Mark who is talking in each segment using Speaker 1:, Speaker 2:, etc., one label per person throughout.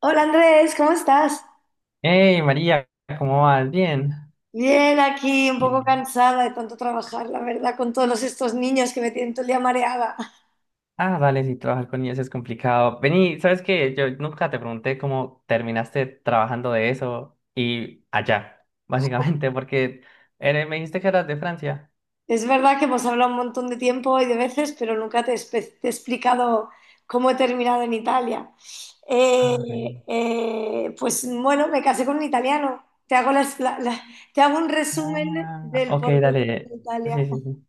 Speaker 1: Hola Andrés, ¿cómo estás?
Speaker 2: Hey María, ¿cómo vas? Bien.
Speaker 1: Bien, aquí un poco
Speaker 2: Bien.
Speaker 1: cansada de tanto trabajar, la verdad, con todos estos niños que me tienen todo el día mareada.
Speaker 2: Ah, dale, si trabajar con niños es complicado. Vení, ¿sabes qué? Yo nunca te pregunté cómo terminaste trabajando de eso y allá, básicamente, porque me dijiste que eras de Francia.
Speaker 1: Es verdad que hemos hablado un montón de tiempo y de veces, pero nunca te, te he explicado cómo he terminado en Italia.
Speaker 2: Ah, ok.
Speaker 1: Pues bueno, me casé con un italiano. Te hago, te hago un resumen
Speaker 2: Ah,
Speaker 1: del
Speaker 2: ok,
Speaker 1: por qué te casé
Speaker 2: dale.
Speaker 1: en
Speaker 2: Sí,
Speaker 1: Italia.
Speaker 2: sí, sí.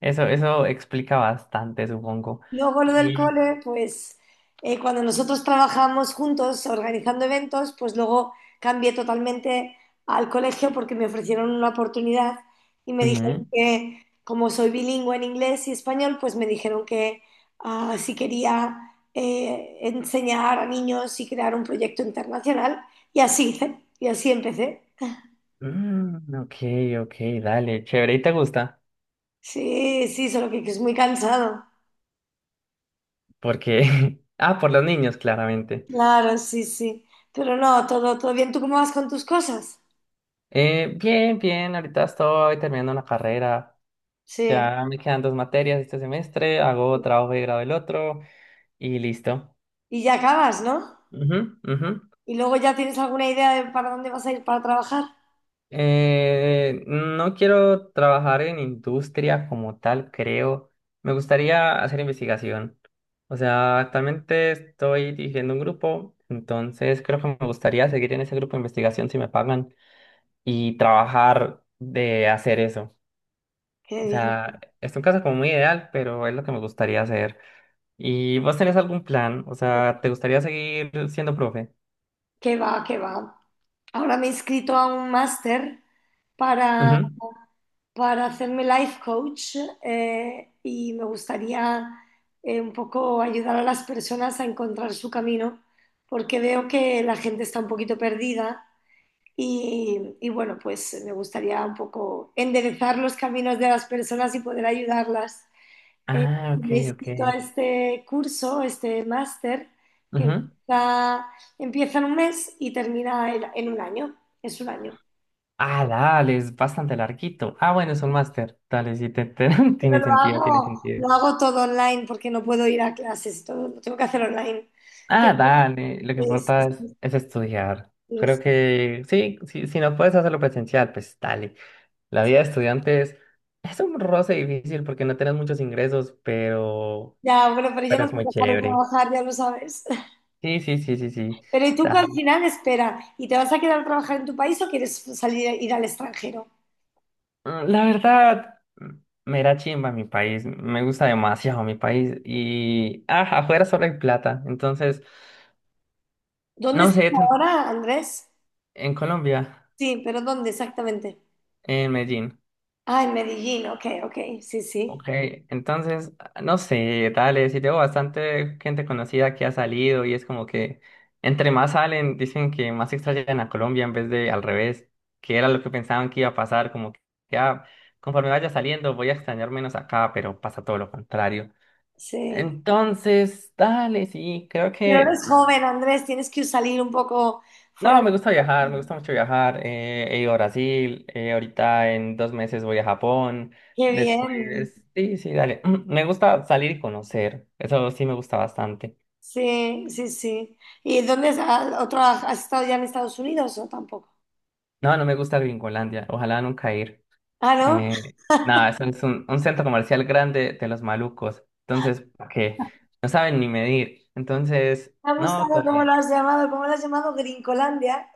Speaker 2: Eso explica bastante, supongo.
Speaker 1: Luego lo del
Speaker 2: Y,
Speaker 1: cole, pues cuando nosotros trabajamos juntos organizando eventos, pues luego cambié totalmente al colegio porque me ofrecieron una oportunidad y me
Speaker 2: ujú.
Speaker 1: dijeron que como soy bilingüe en inglés y español, pues me dijeron que ah, si quería enseñar a niños y crear un proyecto internacional y así hice, y así empecé.
Speaker 2: Mm, ok, ok, dale, chévere, ¿y te gusta?
Speaker 1: Sí, sí, solo que es muy cansado.
Speaker 2: Porque, ah, por los niños, claramente.
Speaker 1: Claro, sí, sí. Pero no, todo, todo bien. ¿Tú cómo vas con tus cosas?
Speaker 2: Bien, bien, ahorita estoy terminando una carrera.
Speaker 1: Sí.
Speaker 2: Ya me quedan dos materias este semestre, hago trabajo de grado el otro y listo.
Speaker 1: Y ya acabas, ¿no?
Speaker 2: Ujú, ujú.
Speaker 1: Y luego ya tienes alguna idea de para dónde vas a ir para trabajar.
Speaker 2: No quiero trabajar en industria como tal, creo. Me gustaría hacer investigación. O sea, actualmente estoy dirigiendo un grupo, entonces creo que me gustaría seguir en ese grupo de investigación si me pagan y trabajar de hacer eso.
Speaker 1: Qué
Speaker 2: O
Speaker 1: bien.
Speaker 2: sea, es un caso como muy ideal, pero es lo que me gustaría hacer. ¿Y vos tenés algún plan? O sea, ¿te gustaría seguir siendo profe?
Speaker 1: Qué va, qué va. Ahora me he inscrito a un máster para,
Speaker 2: Ujú.
Speaker 1: para hacerme life coach y me gustaría un poco ayudar a las personas a encontrar su camino porque veo que la gente está un poquito perdida y bueno, pues me gustaría un poco enderezar los caminos de las personas y poder ayudarlas. Eh,
Speaker 2: Ah, ok,
Speaker 1: Me he
Speaker 2: ok.
Speaker 1: inscrito a este curso, este máster, que
Speaker 2: Ujú.
Speaker 1: empieza, empieza en un mes y termina en un año. Es un año.
Speaker 2: Ah, dale, es bastante larguito. Ah, bueno, es un máster. Dale, sí,
Speaker 1: Pero
Speaker 2: tiene sentido, tiene sentido.
Speaker 1: lo hago todo online porque no puedo ir a clases, todo lo tengo que hacer online. Pero
Speaker 2: Ah, dale, lo que
Speaker 1: sí, sí,
Speaker 2: importa es,
Speaker 1: sí,
Speaker 2: es estudiar.
Speaker 1: sí,
Speaker 2: Creo
Speaker 1: sí.
Speaker 2: que sí, sí, si no puedes hacerlo presencial, pues dale. La vida de estudiante es un roce difícil porque no tenés muchos ingresos,
Speaker 1: Ya, bueno, pero yo
Speaker 2: pero
Speaker 1: no
Speaker 2: es muy
Speaker 1: puedo dejar de
Speaker 2: chévere.
Speaker 1: trabajar, ya lo sabes.
Speaker 2: Sí, sí, sí, sí, sí.
Speaker 1: Pero ¿y tú que
Speaker 2: Da-
Speaker 1: al final espera? ¿Y te vas a quedar a trabajar en tu país o quieres salir a ir al extranjero?
Speaker 2: La verdad, me da chimba mi país. Me gusta demasiado mi país. Y ah, afuera solo hay plata. Entonces,
Speaker 1: ¿Dónde
Speaker 2: no
Speaker 1: estás
Speaker 2: sé,
Speaker 1: ahora, Andrés?
Speaker 2: en Colombia,
Speaker 1: Sí, pero ¿dónde exactamente?
Speaker 2: en Medellín.
Speaker 1: Ah, en Medellín, ok, ok, sí, sí,
Speaker 2: Ok, entonces, no sé, dale, sí tengo bastante gente conocida que ha salido y es como que entre más salen, dicen que más extrañan a Colombia en vez de al revés, que era lo que pensaban que iba a pasar, como que ya, conforme vaya saliendo voy a extrañar menos acá, pero pasa todo lo contrario.
Speaker 1: sí.
Speaker 2: Entonces, dale, sí, creo
Speaker 1: Pero
Speaker 2: que...
Speaker 1: eres joven, Andrés, tienes que salir un poco
Speaker 2: No,
Speaker 1: fuera.
Speaker 2: me gusta viajar, me gusta mucho viajar. He ido a Brasil, ahorita en 2 meses voy a Japón,
Speaker 1: Qué bien,
Speaker 2: después... Sí, sí, dale. Me gusta salir y conocer, eso sí me gusta bastante.
Speaker 1: sí, sí, sí. ¿Y dónde has, has estado ya en Estados Unidos o tampoco?
Speaker 2: No, no me gusta Gringolandia, ojalá nunca ir.
Speaker 1: Ah, ¿no?
Speaker 2: Eh, nada, eso es un centro comercial grande de los malucos, entonces, ¿para qué? No saben ni medir, entonces,
Speaker 1: Me ha
Speaker 2: no,
Speaker 1: gustado
Speaker 2: todo
Speaker 1: cómo lo
Speaker 2: bien.
Speaker 1: has llamado, cómo lo has llamado Gringolandia.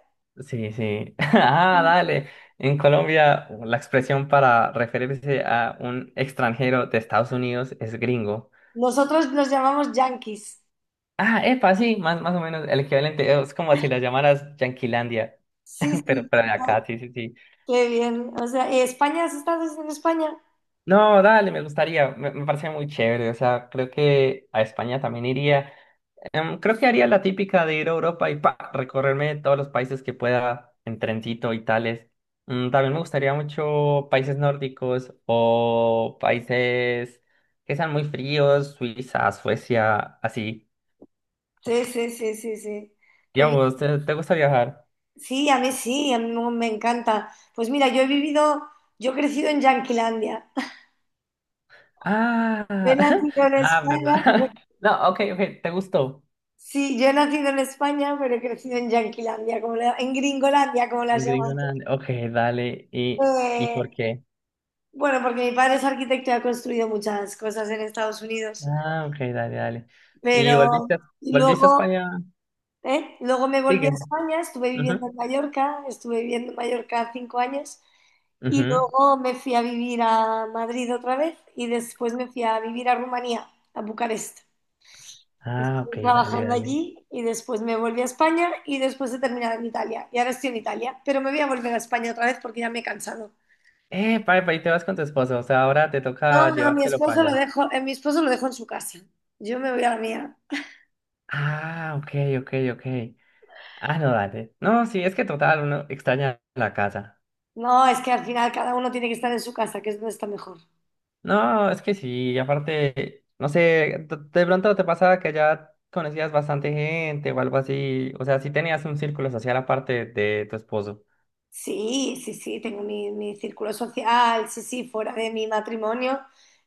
Speaker 2: Sí, sí. Ah, dale. En Colombia, la expresión para referirse a un extranjero de Estados Unidos es gringo.
Speaker 1: Nosotros los llamamos yanquis.
Speaker 2: Ah, epa, sí, más, más o menos el equivalente. Es como si la llamaras Yanquilandia,
Speaker 1: Sí, sí,
Speaker 2: pero de
Speaker 1: total.
Speaker 2: acá, sí, sí, sí.
Speaker 1: Qué bien. O sea, ¿y España? ¿Has estado en España?
Speaker 2: No, dale, me gustaría. Me parece muy chévere. O sea, creo que a España también iría. Creo que haría la típica de ir a Europa y pa, recorrerme todos los países que pueda en trencito y tales. También me gustaría mucho países nórdicos o países que sean muy fríos, Suiza, Suecia, así.
Speaker 1: Sí, sí, sí, sí, sí. Qué bien.
Speaker 2: Digamos, ¿te gusta viajar?
Speaker 1: Sí, a mí me encanta. Pues mira, yo he crecido en Yanquilandia.
Speaker 2: Ah,
Speaker 1: Yo he nacido en
Speaker 2: ah,
Speaker 1: España,
Speaker 2: ¿verdad? No, ok, ok, te gustó.
Speaker 1: sí, yo he nacido en España, pero he crecido en Yanquilandia, como en Gringolandia, como las
Speaker 2: En
Speaker 1: llaman.
Speaker 2: Gringoland, ok, dale. ¿Y por
Speaker 1: Eh,
Speaker 2: qué?
Speaker 1: bueno, porque mi padre es arquitecto y ha construido muchas cosas en Estados Unidos,
Speaker 2: Ah, ok, dale, dale. ¿Y
Speaker 1: pero
Speaker 2: volviste,
Speaker 1: y
Speaker 2: volviste a
Speaker 1: luego
Speaker 2: España?
Speaker 1: ¿eh? Luego me volví a
Speaker 2: Sigue.
Speaker 1: España,
Speaker 2: Ujú.
Speaker 1: estuve viviendo en Mallorca cinco años y
Speaker 2: Ujú.
Speaker 1: luego me fui a vivir a Madrid otra vez y después me fui a vivir a Rumanía, a Bucarest.
Speaker 2: Ah, ok,
Speaker 1: Estuve
Speaker 2: dale,
Speaker 1: trabajando
Speaker 2: dale.
Speaker 1: allí y después me volví a España y después he terminado en Italia. Y ahora estoy en Italia, pero me voy a volver a España otra vez porque ya me he cansado.
Speaker 2: Y te vas con tu esposo, o sea, ahora te toca
Speaker 1: No, no, mi
Speaker 2: llevártelo para
Speaker 1: esposo lo
Speaker 2: allá.
Speaker 1: dejo, mi esposo lo dejo en su casa. Yo me voy a la mía.
Speaker 2: Ah, ok, ok, ok. Ah, no, dale. No, sí, es que total, uno extraña la casa.
Speaker 1: No, es que al final cada uno tiene que estar en su casa, que es donde está mejor.
Speaker 2: No, es que sí, y aparte, no sé, de pronto te pasaba que ya conocías bastante gente o algo así, o sea, sí tenías un círculo social aparte de tu esposo.
Speaker 1: Sí, sí, sí, tengo mi, mi círculo social, sí, sí, fuera de mi matrimonio.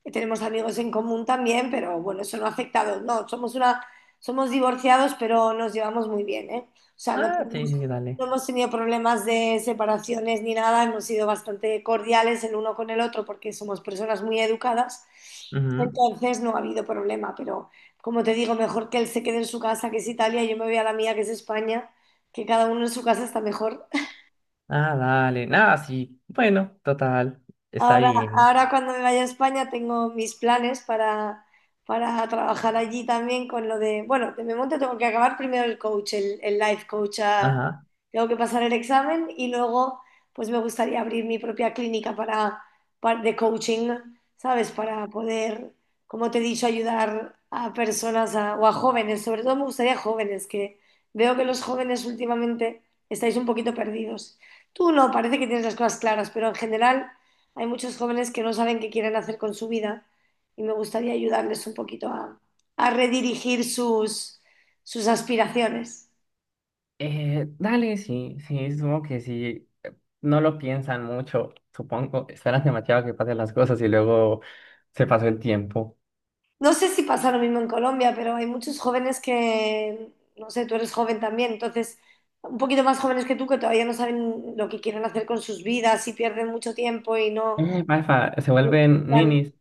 Speaker 1: Tenemos amigos en común también, pero bueno, eso no ha afectado. No, somos una, Somos divorciados, pero nos llevamos muy bien, ¿eh? Sea, no
Speaker 2: Ah, sí,
Speaker 1: tenemos,
Speaker 2: sí, sí, dale.
Speaker 1: no hemos tenido problemas de separaciones ni nada, hemos sido bastante cordiales el uno con el otro porque somos personas muy educadas.
Speaker 2: Ujú.
Speaker 1: Entonces no ha habido problema, pero como te digo, mejor que él se quede en su casa, que es Italia, y yo me voy a la mía, que es España, que cada uno en su casa está mejor.
Speaker 2: Ah, dale. Nada, sí. Bueno, total, está
Speaker 1: Ahora,
Speaker 2: bien.
Speaker 1: ahora cuando me vaya a España tengo mis planes para trabajar allí también con lo de, bueno, de momento tengo que acabar primero el coach, el life coach, ah,
Speaker 2: Ajá.
Speaker 1: tengo que pasar el examen y luego pues me gustaría abrir mi propia clínica de coaching, ¿sabes? Para poder, como te he dicho, ayudar a personas o a jóvenes, sobre todo me gustaría jóvenes, que veo que los jóvenes últimamente estáis un poquito perdidos. Tú no, parece que tienes las cosas claras, pero en general hay muchos jóvenes que no saben qué quieren hacer con su vida y me gustaría ayudarles un poquito a redirigir sus, sus aspiraciones.
Speaker 2: Dale, sí, sí, supongo que sí. No lo piensan mucho, supongo. Esperan demasiado que pasen las cosas y luego se pasó el tiempo.
Speaker 1: No sé si pasa lo mismo en Colombia, pero hay muchos jóvenes que, no sé, tú eres joven también, entonces un poquito más jóvenes que tú que todavía no saben lo que quieren hacer con sus vidas y pierden mucho tiempo y no...
Speaker 2: Malfa, se vuelven ninis.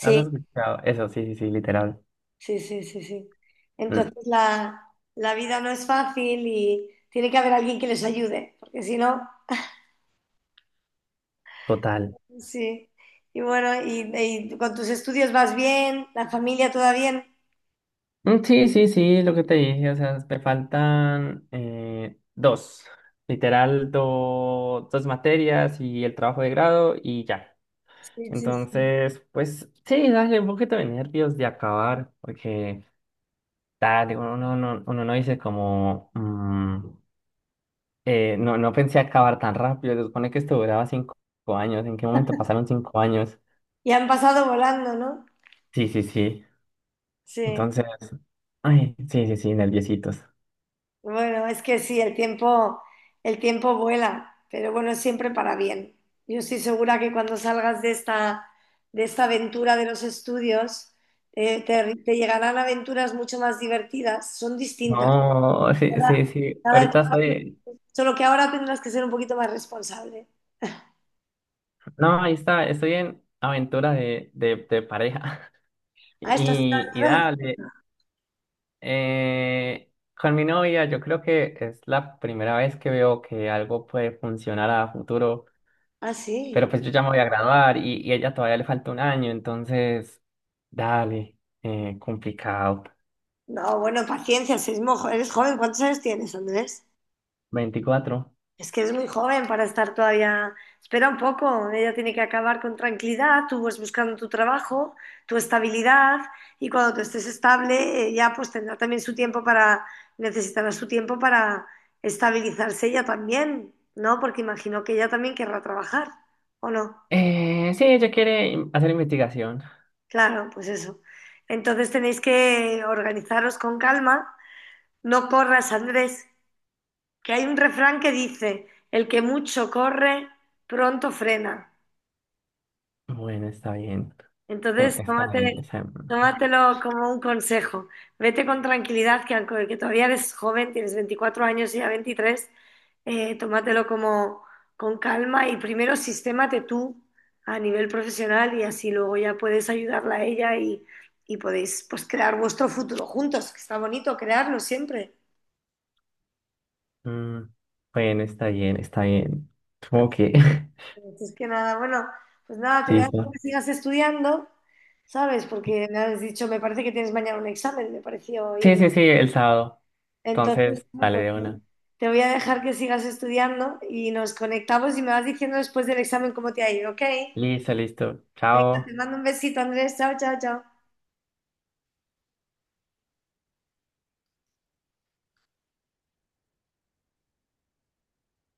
Speaker 2: ¿Has escuchado? Eso, sí, sí, sí, literal.
Speaker 1: sí, sí, sí, sí. Entonces
Speaker 2: Mm,
Speaker 1: la vida no es fácil y tiene que haber alguien que les ayude, porque si no...
Speaker 2: total.
Speaker 1: Sí. Y bueno, y con tus estudios vas bien, la familia toda bien.
Speaker 2: Mm, sí, sí, sí, lo que te dije. O sea, me faltan dos. Literal, dos materias y el trabajo de grado y ya.
Speaker 1: Sí, sí, sí.
Speaker 2: Entonces, pues sí, dale un poquito de nervios de acabar, porque. Dale, uno no dice como, no, no pensé acabar tan rápido, se supone que esto duraba 5 años, ¿en qué momento pasaron 5 años?
Speaker 1: Y han pasado volando, ¿no?
Speaker 2: Sí, sí, sí,
Speaker 1: Sí.
Speaker 2: entonces, ay, sí, sí, sí, nerviositos.
Speaker 1: Bueno, es que sí, el tiempo vuela, pero bueno, es siempre para bien. Yo estoy segura que cuando salgas de esta aventura de los estudios, te llegarán aventuras mucho más divertidas, son distintas.
Speaker 2: No, sí,
Speaker 1: Cada,
Speaker 2: sí, sí,
Speaker 1: cada etapa- Solo que ahora tendrás que ser un poquito más responsable.
Speaker 2: no, ahí está, estoy en aventura de, de pareja
Speaker 1: Ah, estás...
Speaker 2: y dale, eh, con mi novia yo creo que es la primera vez que veo que algo puede funcionar a futuro.
Speaker 1: Ah, sí.
Speaker 2: Pero pues yo ya me voy a graduar y a ella todavía le falta un año, entonces, dale, complicado.
Speaker 1: No, bueno, paciencia, si es eres joven, ¿cuántos años tienes, Andrés?
Speaker 2: 24
Speaker 1: Es que es muy joven para estar todavía. Espera un poco, ella tiene que acabar con tranquilidad, tú vas buscando tu trabajo, tu estabilidad, y cuando tú estés estable, ya pues tendrá también su tiempo necesitará su tiempo para estabilizarse ella también, ¿no? Porque imagino que ella también querrá trabajar, ¿o no?
Speaker 2: Sí, ella quiere hacer investigación.
Speaker 1: Claro, pues eso. Entonces tenéis que organizaros con calma, no corras, Andrés. Que hay un refrán que dice, el que mucho corre, pronto frena.
Speaker 2: Bueno, está bien.
Speaker 1: Entonces,
Speaker 2: Está bien,
Speaker 1: tómate,
Speaker 2: está bien.
Speaker 1: Tómatelo como un consejo. Vete con tranquilidad, que aunque que todavía eres joven, tienes 24 años y ya 23, tómatelo como con calma y primero sistémate tú a nivel profesional y así luego ya puedes ayudarla a ella y podéis pues crear vuestro futuro juntos, que está bonito crearlo siempre.
Speaker 2: Mm, bueno, está bien, está bien. Supongo que.
Speaker 1: Entonces, que nada, bueno, pues nada, te dejo
Speaker 2: Listo.
Speaker 1: que sigas estudiando, ¿sabes? Porque me has dicho, me parece que tienes mañana un examen, me pareció
Speaker 2: Sí,
Speaker 1: oír.
Speaker 2: sí, sí, el sábado.
Speaker 1: Entonces,
Speaker 2: Entonces,
Speaker 1: bueno,
Speaker 2: dale
Speaker 1: pues
Speaker 2: de una.
Speaker 1: te voy a dejar que sigas estudiando y nos conectamos y me vas diciendo después del examen cómo te ha ido, ¿ok?
Speaker 2: Listo, listo.
Speaker 1: Venga, te
Speaker 2: Chao.
Speaker 1: mando un besito, Andrés. Chao, chao, chao.